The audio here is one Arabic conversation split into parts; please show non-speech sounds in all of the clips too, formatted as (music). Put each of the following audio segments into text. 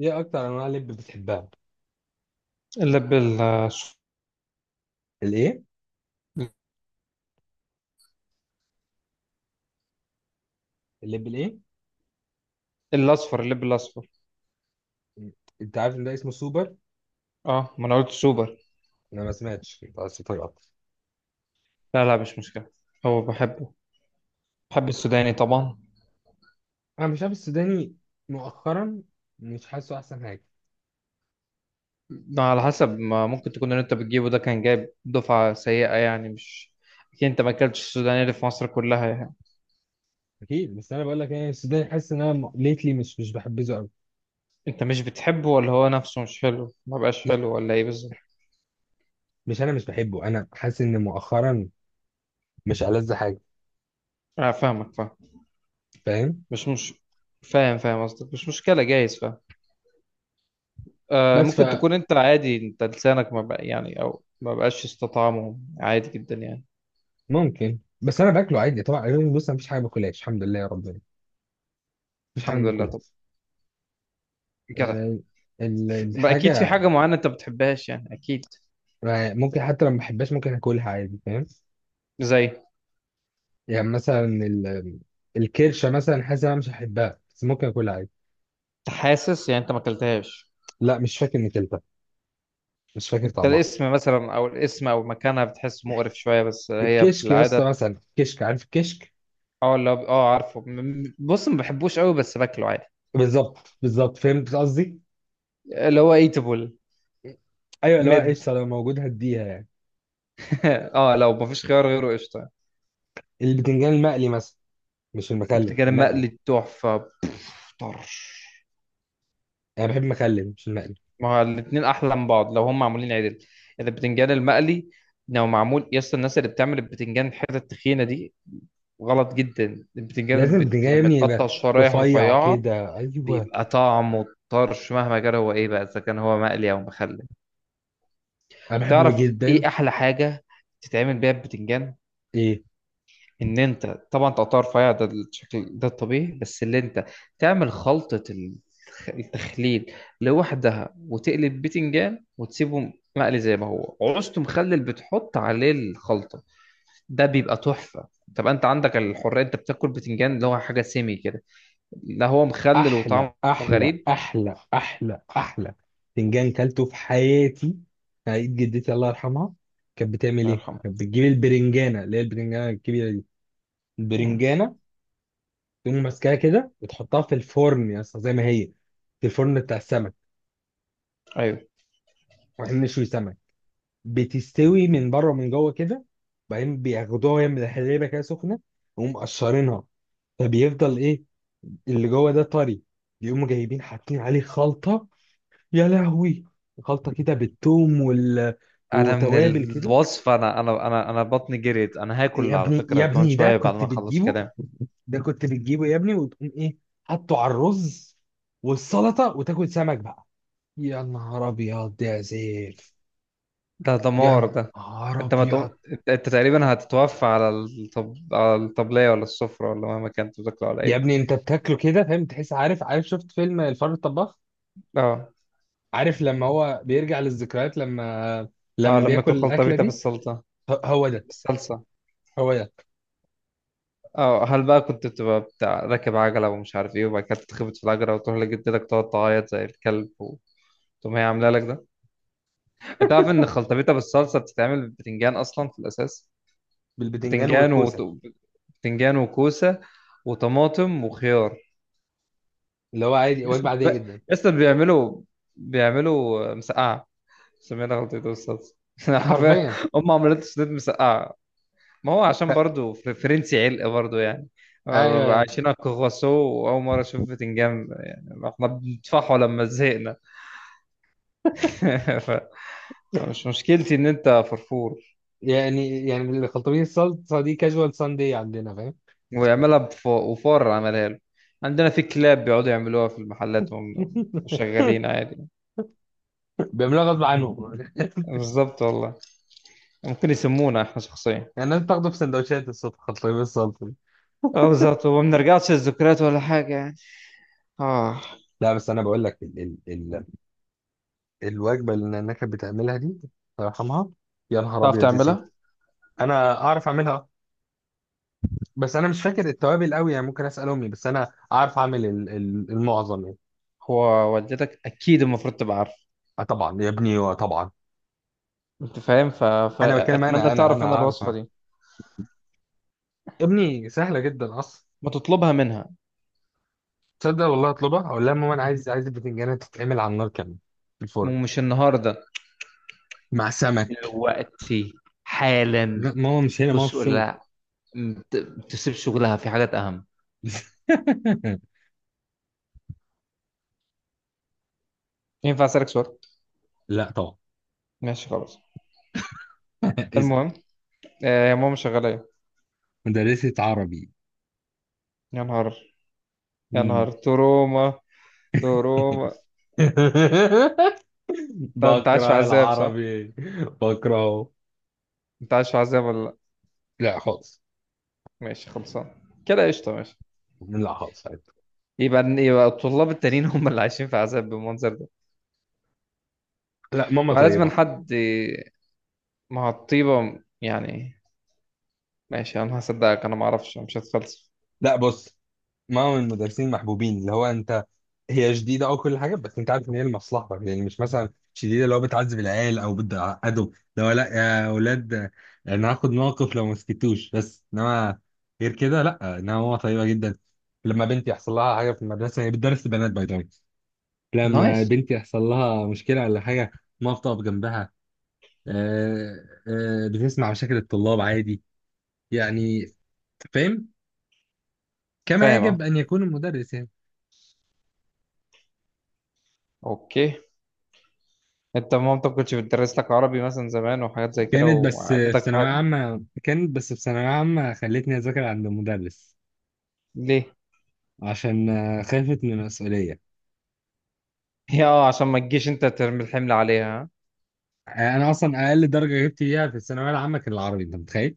ايه اكتر انواع لب بتحبها؟ اللب ال- الايه؟ اللب الايه؟ الأصفر. اللب الأصفر. انت عارف ان ده اسمه سوبر. اه، ما أنا قلت سوبر. انا ما سمعتش، بس طيب اكتر. لا لا، مش مشكلة. هو بحبه. بحب السوداني طبعا. انا مش عارف السوداني مؤخرا، مش حاسه احسن حاجه. ده على حسب ما ممكن تكون، اللي أنت بتجيبه ده كان جايب دفعة سيئة، يعني مش أكيد أنت ما أكلتش السوداني اللي في مصر كلها يعني. اكيد، بس انا بقول لك يعني السوداني حاسس ان انا ليتلي مش بحبذه قوي. أنت مش بتحبه، ولا هو نفسه مش حلو، ما بقاش لا، حلو، ولا إيه بالظبط؟ مش، انا مش بحبه، انا حاسس ان مؤخرا مش ألذ حاجه. أنا فاهمك، فاهم. فاهم. مش فاهم فاهم قصدك، مش مشكلة جايز، فاهم. آه، بس ممكن تكون أنت عادي، أنت لسانك ما بقى يعني، أو ما بقاش استطعمه عادي جدا يعني. فممكن، بس انا باكله عادي طبعا يعني، بص مفيش حاجه باكلهاش الحمد لله يا ربنا. مفيش حاجه الحمد ما لله. باكلهاش. جدع. أه. اكيد في الحاجه. حاجه معينه انت بتحبهاش يعني، اكيد. آه، ممكن حتى لو ما بحبهاش ممكن اكلها عادي، فاهم. زي انت. يعني مثلا الكرشه مثلا، حاسس إن انا مش هحبها بس ممكن اكلها عادي. حاسس يعني انت ما اكلتهاش؟ لا، مش فاكر اني كلتها، مش فاكر انت طعمها. الاسم مثلا، او الاسم او مكانها، بتحس مقرف شويه، بس هي في الكشك يا العاده. اسطى مثلا، كشك، عارف الكشك. اه، اللي هو عارفه، بص، ما بحبوش قوي بس باكله عادي. بالظبط بالظبط، فهمت قصدي. اللي هو ايتابل. ايوه، اللي هو مد. قشطه، لو موجود هديها يعني. (laughs) اه، لو ما فيش خيار غيره قشطه. البتنجان المقلي مثلا، مش المخلل، بتجي المقلي. مقلي تحفه، بوف، طرش. انا بحب المخلل مش المقلي. ما هو الاتنين احلى من بعض لو هم معمولين عدل. اذا البتنجان المقلي لو معمول يا اسطى، الناس اللي بتعمل البتنجان الحته التخينه دي غلط جدا. لازم البتنجان البتنجان يا لما ابني يبقى يتقطع شرايح رفيع رفيعة كده، ايوه. بيبقى طعمه طرش، مهما كان هو ايه بقى، اذا كان هو مقلي او مخلل. انا بحبه تعرف جدا. ايه احلى حاجة تتعمل بيها البتنجان؟ ايه؟ ان انت طبعا تقطع رفيع، ده الشكل ده الطبيعي، بس اللي انت تعمل خلطة التخليل لوحدها، وتقلب بتنجان وتسيبه مقلي زي ما هو، عوزته مخلل بتحط عليه الخلطة. ده بيبقى تحفة. طب انت عندك الحرية، انت بتاكل بتنجان اللي هو حاجة سيمي كده، لا هو مخلل احلى وطعمه احلى غريب. احلى احلى احلى فنجان كلته في حياتي في عيد جدتي، الله يرحمها. كانت بتعمل الله ايه؟ يرحمه. كانت بتجيب البرنجانه، اللي هي البرنجانه الكبيره دي. مم. البرنجانه تقوم ماسكاها كده وتحطها في الفرن يا اسطى زي ما هي، في الفرن بتاع السمك، ايوه. واحنا بنشوي سمك. بتستوي من بره ومن جوه كده، وبعدين بياخدوها وهي من الحليبه كده سخنه، ويقوم مقشرينها. فبيفضل ايه؟ اللي جوه ده طري. بيقوموا جايبين حاطين عليه خلطه، يا لهوي، خلطة كده بالثوم انا من وتوابل كده. الوصفه، انا بطني جريت، انا يا هاكل على ابني، يا فكره كمان ابني، ده شويه بعد كنت ما اخلص بتجيبه، كلام. ده كنت بتجيبه يا ابني وتقوم ايه، حطه على الرز والسلطة وتاكل سمك بقى. يا نهار ابيض يا سيف. ده دمار يا ده. نهار انت ما تقوم ابيض. انت, تقريبا هتتوفى على الطبليه ولا السفره، ولا مهما كان انت بتاكله على يا ايه. ابني انت بتاكله كده فاهم، تحس، عارف، عارف، شفت فيلم الفار الطباخ؟ اه. عارف لما هو بيرجع للذكريات، لما اه، لما لما بياكل اكل الاكلة خلطبيطه دي. بالسلطه، هو ده. بالصلصه. هو ده. اه، هل بقى كنت بتبقى بتاع راكب عجله ومش عارف ايه، وبعد كده تتخبط في العجله وتروح لجدتك تقعد تعيط زي الكلب، وتقوم هي عامله لك ده؟ انت عارف ان خلطبيطه بالصلصه بتتعمل بالبتنجان اصلا في الاساس؟ بالبتنجان بتنجان والكوسة. وط... بتنجان وكوسه وطماطم وخيار. اللي هو عادي، يس. وجبة عادية جدا. يس، بيعملوا مسقعه. سمينا خلطبيطه بالصلصه. (laughs) عارفه، حرفيا. هم عملت سنيد مسقعه. ما هو عشان برضو فرنسي علق برضو يعني. ايوه، آه، أيوة. عايشين على الكرواسو، واول مره اشوف بتنجان يعني، احنا بندفعه لما زهقنا. (laughs) ف- فمش مشكلتي ان انت فرفور. يعني يعني الخلطبيط الصلصه دي كاجوال ساندي عندنا، فاهم. ويعملها وفار عملها له. عندنا في كلاب بيقعدوا يعملوها في المحلات وهم (laughs) شغالين عادي. بيعملوها غصب عنهم. بالظبط والله. ممكن يسمونا احنا شخصيا. (laughs) يعني الناس بتاخده في سندوتشات الصبح، خلطبيط الصلصه دي. اه، بالظبط، وما بنرجعش للذكريات ولا حاجة يعني. اه. لا، بس انا بقول لك، ال ال ال الوجبه اللي النانا كانت بتعملها دي، الله يرحمها. يا نهار تعرف ابيض يا سيدي. تعملها؟ انا اعرف اعملها، بس انا مش فاكر التوابل قوي يعني، ممكن اسال امي، بس انا اعرف اعمل ال ال المعظم يعني. هو والدتك اكيد المفروض تبقى عارفه. آه طبعا يا ابني، آه طبعا. انت فاهم، انا بتكلم، فاتمنى انا تعرف انا اعرف الوصفة اعمل دي. يا ابني، سهله جدا اصلا. ما تطلبها منها. تصدق والله اطلبها اقول لها ماما انا عايز البتنجانه تتعمل على النار كمان، في الفرن، ومش النهارده، مع سمك. دلوقتي، حالا. لا ماما مش هنا، ماما في خش قول الشغل. لها، ما تسيبش شغلها في حاجات اهم. (laughs) ينفع اسالك سؤال؟ لا طبعا. ماشي خلاص. (laughs) اسال. المهم، يا ماما شغالة ايه؟ مدرسة عربي. يا نهار، يا مم. نهار تروما، تروما. (laughs) انت عايش في بكره عذاب، صح؟ العربي، بكرهه. انت عايش في عذاب ولا لا؟ لا خالص. ماشي خلصان. كده قشطة، ماشي. لا خالص عادي. يبقى الطلاب التانيين هم اللي عايشين في عذاب بالمنظر ده. لا ماما ولازم طيبة. حد، مع الطيبة يعني. ماشي انا هصدقك، انا ما اعرفش، أنا مش هتفلسف. لا، بص، ما من المدرسين محبوبين، اللي هو انت، هي شديده او كل حاجه، بس انت عارف ان هي لمصلحتك، يعني مش مثلا شديده اللي هو بتعذب العيال او بتعقدهم. لو لا يا اولاد انا هاخد موقف لو ما سكتوش، بس انما غير كده لا، انما هو طيبه جدا. لما بنتي يحصل لها حاجه في المدرسه، هي بتدرس البنات باي ذا. نايس. لما بنتي يحصل لها مشكله ولا حاجه، ما بتقف جنبها. آه، آه، بتسمع مشاكل الطلاب عادي يعني، فاهم، كما فاهم، اه. يجب ان يكون المدرس يعني. اوكي. انت مامتك كنتش بتدرس لك عربي مثلا زمان وحاجات زي كده، وعدتك في حاجة؟ كانت بس في ثانوية عامة خلتني أذاكر عند المدرس. ليه؟ (laughs) عشان خافت من المسؤولية. هي عشان ما تجيش انت ترمي الحمل عليها، ها؟ آه، أنا أصلا أقل درجة جبت فيها في الثانوية العامة كان العربي، أنت متخيل؟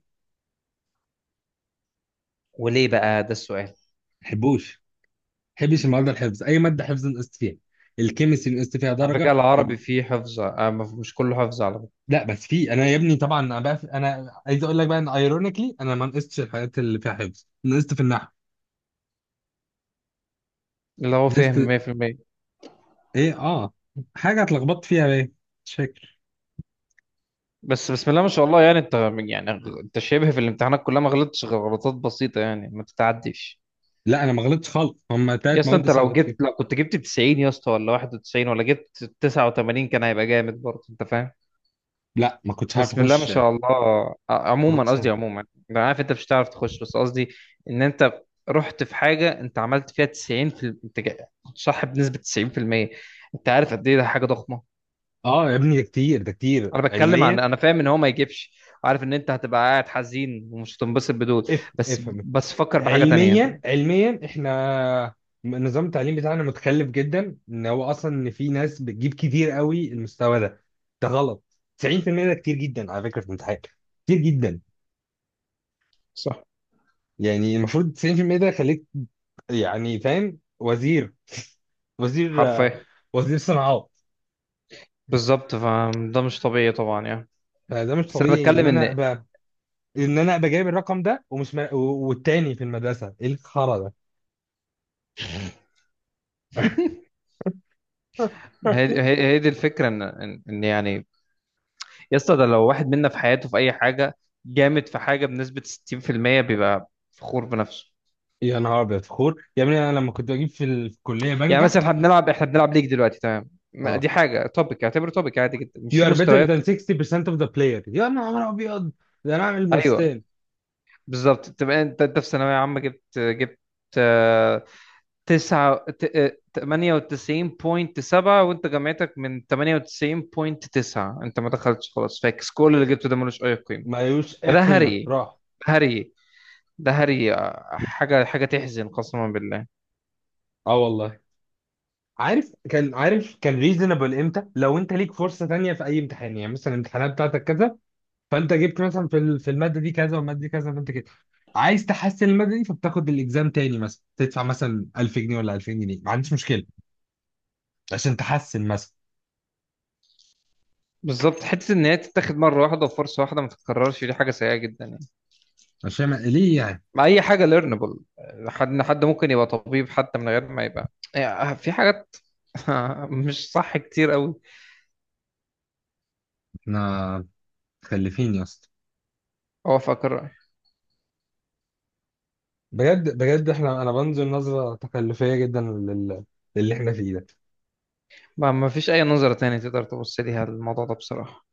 وليه بقى ده السؤال؟ محبوش، محبش المواد الحفظ، أي مادة حفظ نقصت فيها. الكيمستري نقصت فيها على فكرة درجة العربي فيه حفظ، مش كله حفظ على فكرة. لا، بس في أنا يا ابني طبعا، أنا بقى أنا عايز أقول لك بقى إن أيرونيكلي أنا ما نقصتش الحاجات اللي فيها حفظ، نقصت في النحو. اللي هو فهم نقصت 100%. إيه حاجة اتلخبطت فيها بقى، مش فاكر. بس بسم الله ما شاء الله، يعني انت، يعني انت شبه في الامتحانات كلها ما غلطتش غير غلطات بسيطة يعني، ما تتعديش. لا أنا ما غلطتش خالص، هما يا تلات اسطى مواد انت بس اللي غلطت فيهم. لو كنت جبت 90 يا اسطى، ولا 91 ولا جبت 89، كان هيبقى جامد برضه، انت فاهم. لا ما كنتش عارف بسم الله ما اخش، ما شاء الله، عموما، كنتش قصدي عارف. عموما. انا عارف انت مش هتعرف تخش، بس قصدي ان انت رحت في حاجة انت عملت فيها 90، انت كنت صح بنسبة 90%. انت عارف قد ايه ده حاجة ضخمة؟ اه يا ابني ده كتير، ده كتير انا بتكلم، علميا. عن انا فاهم ان هو ما يجيبش. عارف ان انت هتبقى قاعد حزين ومش هتنبسط بدول، افهم بس افهم. بس فكر بحاجه تانية انت. علميا علميا، احنا نظام التعليم بتاعنا متخلف جدا، ان هو اصلا ان في ناس بتجيب كتير قوي المستوى ده، ده غلط. 90% ده كتير جدا على فكرة في الامتحان، كتير جدا. صح. يعني المفروض 90% ده خليك يعني فاهم وزير، وزير حرفيا. وزير صناعات. بالظبط، فده مش طبيعي طبعا يعني. فده مش بس انا طبيعي بتكلم ان انا ان، ابقى، جايب الرقم ده، والتاني في المدرسة، ايه الخرا ده؟ هي دي الفكره، ان إن يعني. يا اسطى ده لو واحد منا في حياته في اي حاجه جامد، في حاجه بنسبه 60% بيبقى فخور بنفسه. يا نهار ابيض خور يا ابني، انا لما كنت بجيب في الكليه يعني بنجح. مثلا احنا بنلعب ليج دلوقتي تمام، اه دي حاجه توبيك، اعتبره توبيك عادي جدا مش you في are better مستويات. than 60% of the player. يا نهار ابيض، ده انا اعمل ايوه، مرستان. بالظبط. تبقى انت في ثانوية عامة، جبت جبت آه، تسعة ت- آه، 98.7، وانت جامعتك من 98.9، انت ما دخلتش خلاص، فاكس، كل اللي جبته ده ملوش أي قيمة. ملوش اي ده قيمه هري، راح. هري، ده هري، حاجة، حاجة تحزن قسما بالله. اه والله. عارف كان، عارف كان ريزونبل امتى؟ لو انت ليك فرصه تانية في اي امتحان، يعني مثلا الامتحانات بتاعتك كذا، فانت جبت مثلا في الماده دي كذا والماده دي كذا، فانت كده عايز تحسن الماده دي، فبتاخد الاكزام تاني، مثلا تدفع مثلا 1000 جنيه ولا 2000 جنيه، ما عنديش مشكله، عشان تحسن مثلا، بالظبط، حتة إن هي تتاخد مرة واحدة وفرصة واحدة ما تتكررش، دي حاجة سيئة جدا يعني، عشان ليه يعني. مع أي حاجة ليرنبل. حد ممكن يبقى طبيب، حتى من غير ما يبقى، يعني في حاجات (laughs) مش صح كتير قوي. احنا متخلفين يا اسطى، اوافقك الرأي. بجد بجد احنا، انا بنزل نظره تكلفيه جدا للي احنا فيه ده ما فيش اي نظرة تانية تقدر تبص ليها الموضوع ده بصراحة.